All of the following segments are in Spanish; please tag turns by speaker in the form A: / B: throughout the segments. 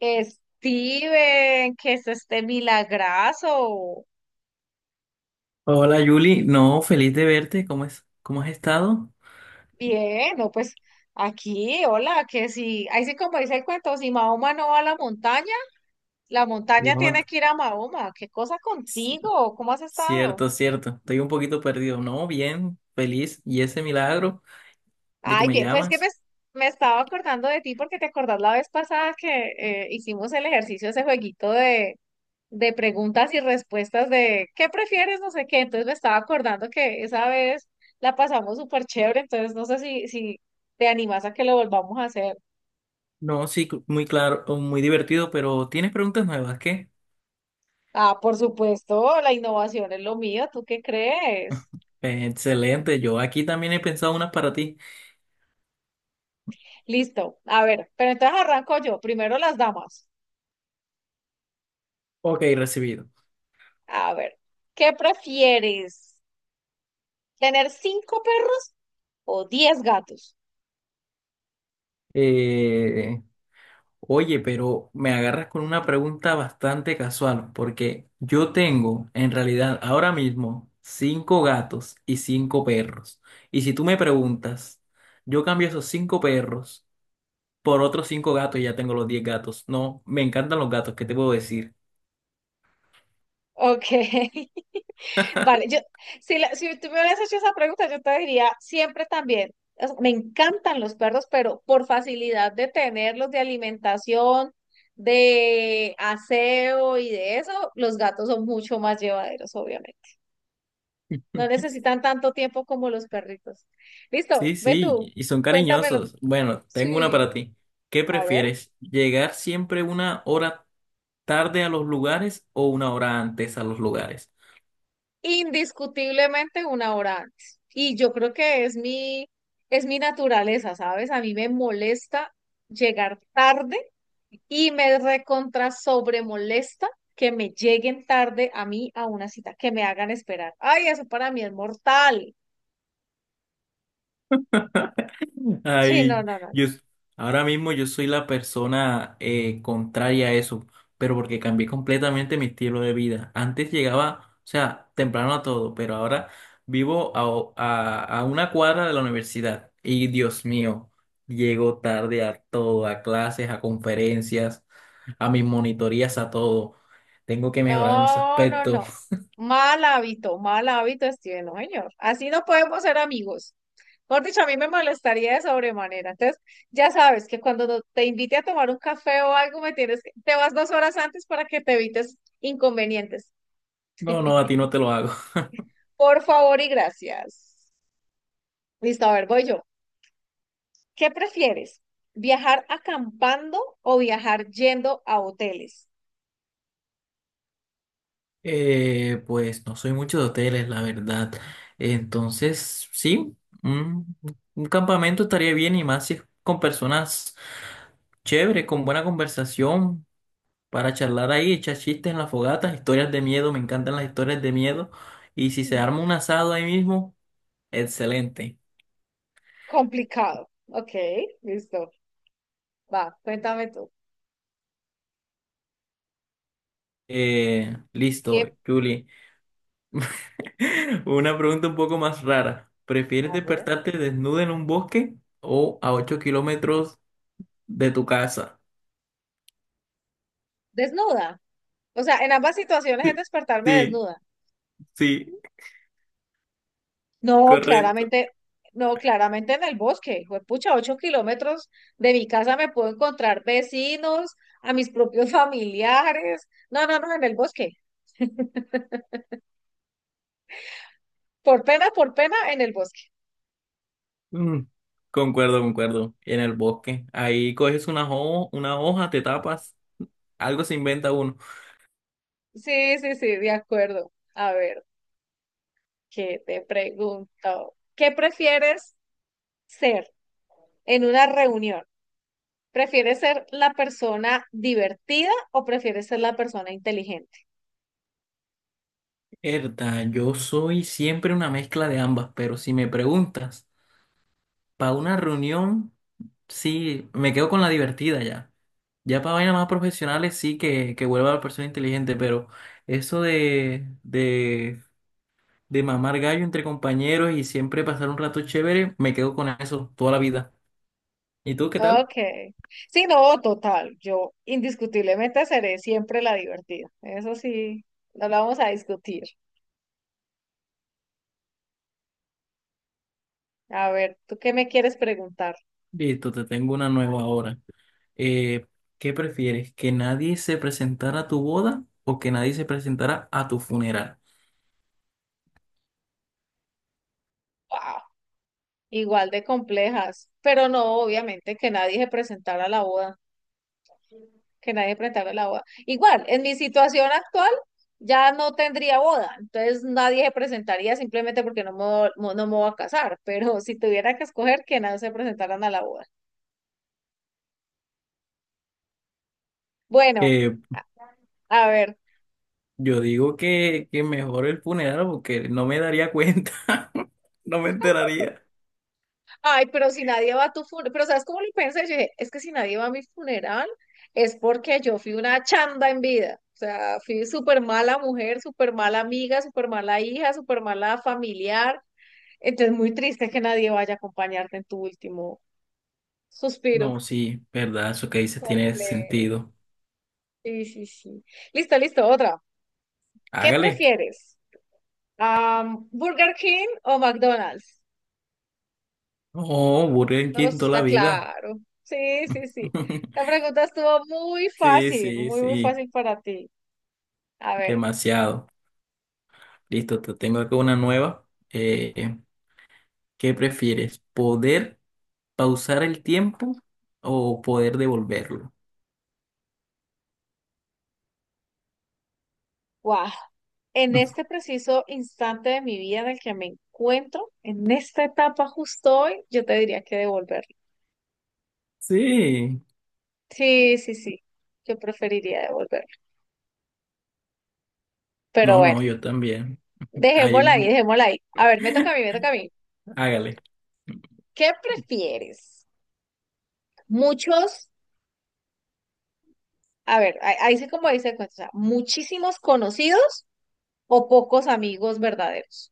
A: Steven, ¿que es este milagrazo?
B: Hola Yuli, no, feliz de verte, ¿cómo es? ¿Cómo has estado?
A: Bien, no, pues aquí, hola, que si, ahí sí como dice el cuento, si Mahoma no va a la montaña
B: No,
A: tiene que ir a Mahoma. ¿Qué cosa
B: c-
A: contigo? ¿Cómo has estado?
B: cierto, cierto, estoy un poquito perdido, no, bien, feliz, y ese milagro de que
A: Ay,
B: me
A: bien, pues que me,
B: llamas,
A: me estaba acordando de ti porque te acordás la vez pasada que hicimos el ejercicio, ese jueguito de preguntas y respuestas de ¿qué prefieres? No sé qué. Entonces me estaba acordando que esa vez la pasamos súper chévere, entonces no sé si te animas a que lo volvamos a hacer.
B: no, sí, muy claro, o muy divertido, pero tienes preguntas nuevas, ¿qué?
A: Ah, por supuesto, la innovación es lo mío, ¿tú qué crees?
B: Excelente, yo aquí también he pensado unas para ti.
A: Listo, a ver, pero entonces arranco yo, primero las damas.
B: Ok, recibido.
A: A ver, ¿qué prefieres? ¿Tener cinco perros o 10 gatos?
B: Eh, Oye, pero me agarras con una pregunta bastante casual, porque yo tengo, en realidad, ahora mismo, cinco gatos y cinco perros. Y si tú me preguntas, yo cambio esos cinco perros por otros cinco gatos y ya tengo los 10 gatos. No, me encantan los gatos, ¿qué te puedo decir?
A: Ok. Vale, yo, si tú me hubieras hecho esa pregunta, yo te diría siempre también. O sea, me encantan los perros, pero por facilidad de tenerlos, de alimentación, de aseo y de eso, los gatos son mucho más llevaderos, obviamente. No necesitan tanto tiempo como los perritos. Listo,
B: Sí,
A: ve
B: sí,
A: tú,
B: y son
A: cuéntamelo.
B: cariñosos. Bueno, tengo una para
A: Sí,
B: ti. ¿Qué
A: a ver.
B: prefieres? ¿Llegar siempre 1 hora tarde a los lugares o 1 hora antes a los lugares?
A: Indiscutiblemente una hora antes. Y yo creo que es mi naturaleza, ¿sabes? A mí me molesta llegar tarde y me recontra sobre molesta que me lleguen tarde a mí a una cita, que me hagan esperar. Ay, eso para mí es mortal. Sí, no,
B: Ay,
A: no, no.
B: yo s- ahora mismo yo soy la persona contraria a eso, pero porque cambié completamente mi estilo de vida. Antes llegaba, o sea, temprano a todo, pero ahora vivo a una cuadra de la universidad. Y Dios mío, llego tarde a todo, a clases, a conferencias, a mis monitorías, a todo. Tengo que mejorar en ese
A: No, no,
B: aspecto.
A: no. Mal hábito, Steven, no, señor. Así no podemos ser amigos. Por dicho, a mí me molestaría de sobremanera. Entonces, ya sabes que cuando te invite a tomar un café o algo, me tienes que, te vas 2 horas antes para que te evites inconvenientes.
B: No, no, a ti no te lo hago.
A: Por favor y gracias. Listo, a ver, voy yo. ¿Qué prefieres? ¿Viajar acampando o viajar yendo a hoteles?
B: Pues no soy mucho de hoteles, la verdad. Entonces, sí, un, un campamento estaría bien y más si es con personas chéveres, con buena conversación, para charlar ahí, echar chistes en la fogata, historias de miedo, me encantan las historias de miedo. Y si se arma un asado ahí mismo, excelente.
A: Complicado. Ok, listo. Va, cuéntame tú.
B: Listo,
A: ¿Qué?
B: Julie. Una pregunta un poco más rara. ¿Prefieres
A: A ver.
B: despertarte desnuda en un bosque o a 8 kilómetros de tu casa?
A: Desnuda. O sea, en ambas situaciones es
B: Sí,
A: despertarme
B: sí,
A: desnuda.
B: sí,
A: No,
B: correcto.
A: claramente, no, claramente en el bosque. Pucha, 8 kilómetros de mi casa me puedo encontrar vecinos, a mis propios familiares. No, no, no, en el bosque. Por pena, en el bosque.
B: Mm, concuerdo, concuerdo. En el bosque. Ahí coges una hoja, te tapas. Algo se inventa uno.
A: Sí, sí, sí, de acuerdo. A ver, ¿qué te pregunto? ¿Qué prefieres ser en una reunión? ¿Prefieres ser la persona divertida o prefieres ser la persona inteligente?
B: Herda, yo soy siempre una mezcla de ambas, pero si me preguntas, para una reunión, sí, me quedo con la divertida ya. Ya para vainas más profesionales sí que vuelva la persona inteligente, pero eso de mamar gallo entre compañeros y siempre pasar un rato chévere, me quedo con eso toda la vida. ¿Y tú qué tal?
A: Okay. Sí, no, total. Yo indiscutiblemente seré siempre la divertida. Eso sí, no la vamos a discutir. A ver, ¿tú qué me quieres preguntar?
B: Listo, te tengo una nueva ahora. Eh, ¿Qué prefieres? ¿Que nadie se presentara a tu boda o que nadie se presentara a tu funeral?
A: Wow, igual de complejas. Pero no, obviamente, que nadie se presentara a la boda. Que nadie presentara a la boda. Igual, en mi situación actual ya no tendría boda. Entonces nadie se presentaría simplemente porque no me voy a casar. Pero si tuviera que escoger, que nadie se presentaran a la boda. Bueno,
B: Eh,
A: a a ver.
B: yo digo que mejor el funeral porque no me daría cuenta, no me enteraría.
A: Ay, pero si nadie va a tu funeral, pero ¿sabes cómo lo pensé? Yo dije, es que si nadie va a mi funeral es porque yo fui una chanda en vida. O sea, fui súper mala mujer, súper mala amiga, súper mala hija, súper mala familiar. Entonces, muy triste que nadie vaya a acompañarte en tu último suspiro.
B: No, sí, verdad, eso que dices tiene
A: Completo.
B: sentido.
A: Sí, sí, sí. Listo, listo, otra. ¿Qué
B: Hágale.
A: prefieres? ¿Burger King o McDonald's?
B: Oh, Burger
A: No,
B: King
A: esto
B: toda la
A: está
B: vida.
A: claro. Sí, sí, sí. La pregunta estuvo muy
B: Sí,
A: fácil,
B: sí,
A: muy, muy
B: sí,
A: fácil para ti. A ver,
B: demasiado. Listo, te tengo acá una nueva. ¿Qué prefieres? ¿Poder pausar el tiempo o poder devolverlo?
A: guau. En este preciso instante de mi vida en el que me encuentro, en esta etapa justo hoy, yo te diría que devolverlo.
B: Sí,
A: Sí, sí, sí. Yo preferiría devolverlo. Pero
B: no,
A: bueno,
B: no, yo también. Ahí,
A: dejémosla ahí,
B: mm,
A: dejémosla ahí. A ver, me toca a mí, me toca a mí.
B: hágale.
A: ¿Qué prefieres? Muchos, a ver, ahí sí como dice el cuento, o sea, muchísimos conocidos o pocos amigos verdaderos.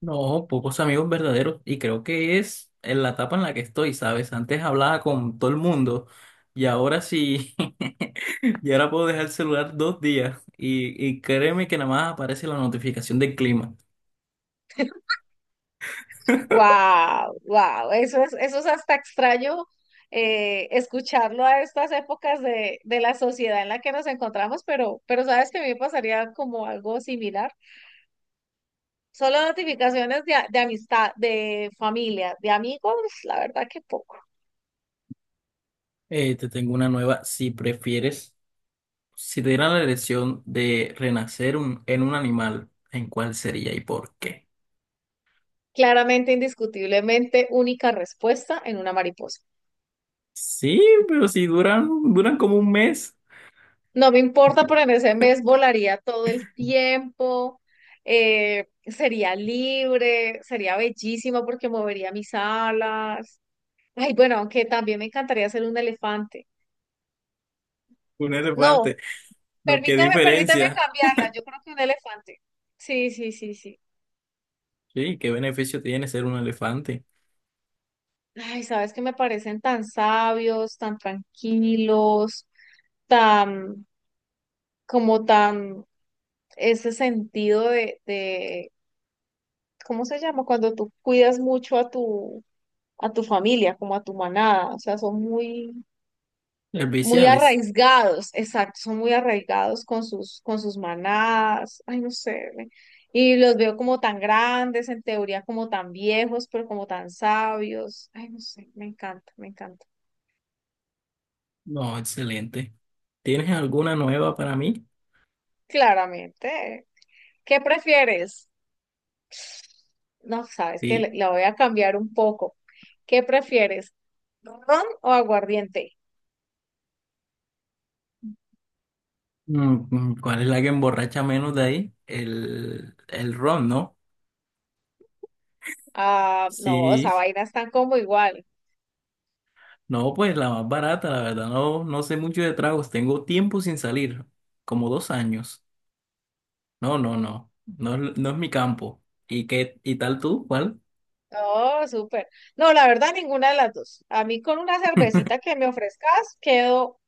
B: No, pocos amigos verdaderos y creo que es en la etapa en la que estoy, ¿sabes? Antes hablaba con todo el mundo y ahora sí, y ahora puedo dejar el celular 2 días y créeme que nada más aparece la notificación del clima.
A: Wow, wow, eso es hasta extraño escucharlo a estas épocas de la sociedad en la que nos encontramos, pero sabes que a mí me pasaría como algo similar. Solo notificaciones de amistad, de familia, de amigos, la verdad que poco.
B: Te tengo una nueva, si prefieres. Si te dieran la elección de renacer en un animal, ¿en cuál sería y por qué?
A: Claramente, indiscutiblemente, única respuesta en una mariposa.
B: Sí, pero si duran, duran como un mes,
A: No me importa, pero en ese mes volaría todo el tiempo, sería libre, sería bellísimo porque movería mis alas. Ay, bueno, aunque también me encantaría ser un elefante.
B: un elefante.
A: No,
B: No, qué
A: permíteme
B: diferencia.
A: cambiarla. Yo creo que un elefante. Sí, sí, sí, sí.
B: Sí, qué beneficio tiene ser un elefante.
A: Ay, sabes que me parecen tan sabios, tan tranquilos, tan, como tan, ese sentido de, ¿cómo se llama? Cuando tú cuidas mucho a tu familia, como a tu manada, o sea, son muy, muy
B: Serviciales.
A: arraigados, exacto, son muy arraigados con sus manadas, ay, no sé, me- y los veo como tan grandes, en teoría como tan viejos, pero como tan sabios, ay, no sé, me encanta, me encanta.
B: No, excelente. ¿Tienes alguna nueva para mí?
A: Claramente, ¿qué prefieres? No, sabes que
B: Sí.
A: la voy a cambiar un poco. ¿Qué prefieres, ron o aguardiente?
B: Mm, mm, ¿cuál es la que emborracha menos de ahí? El ron, ¿no?
A: Ah, no,
B: Sí.
A: esa vaina están como igual.
B: No, pues la más barata, la verdad, no, no sé mucho de tragos, tengo tiempo sin salir, como 2 años. No, no, no, no, no es mi campo. ¿Y qué, y tal tú? ¿Cuál?
A: Oh, súper. No, la verdad, ninguna de las dos. A mí con una cervecita que me ofrezcas, quedo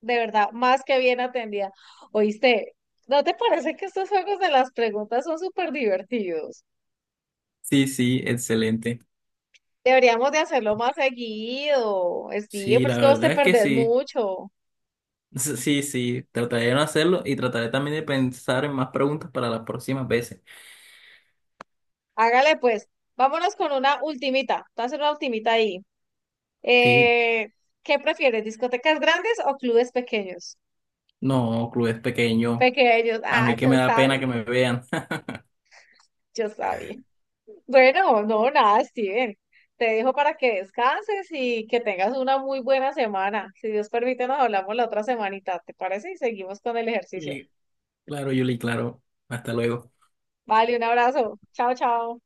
A: de verdad más que bien atendida. Oíste, ¿no te parece que estos juegos de las preguntas son súper divertidos?
B: Sí, sí, excelente.
A: Deberíamos de hacerlo más seguido, Steve,
B: Sí,
A: pero
B: la
A: es que vos te
B: verdad es que
A: perdés
B: sí.
A: mucho.
B: Sí, sí, trataré de no hacerlo y trataré también de pensar en más preguntas para las próximas veces.
A: Hágale pues, vámonos con una ultimita. Te voy a hacer una ultimita ahí.
B: Sí,
A: Eh, ¿Qué prefieres, discotecas grandes o clubes pequeños?
B: no, club es pequeño,
A: Pequeños,
B: a mí
A: ah,
B: que me
A: yo
B: da pena que
A: sabía,
B: me vean.
A: yo sabía. Bueno, no, nada, Steven. Te dejo para que descanses y que tengas una muy buena semana. Si Dios permite, nos hablamos la otra semanita, ¿te parece? Y seguimos con el ejercicio.
B: Y claro, Yuli, claro, hasta luego.
A: Vale, un abrazo. Chao, chao.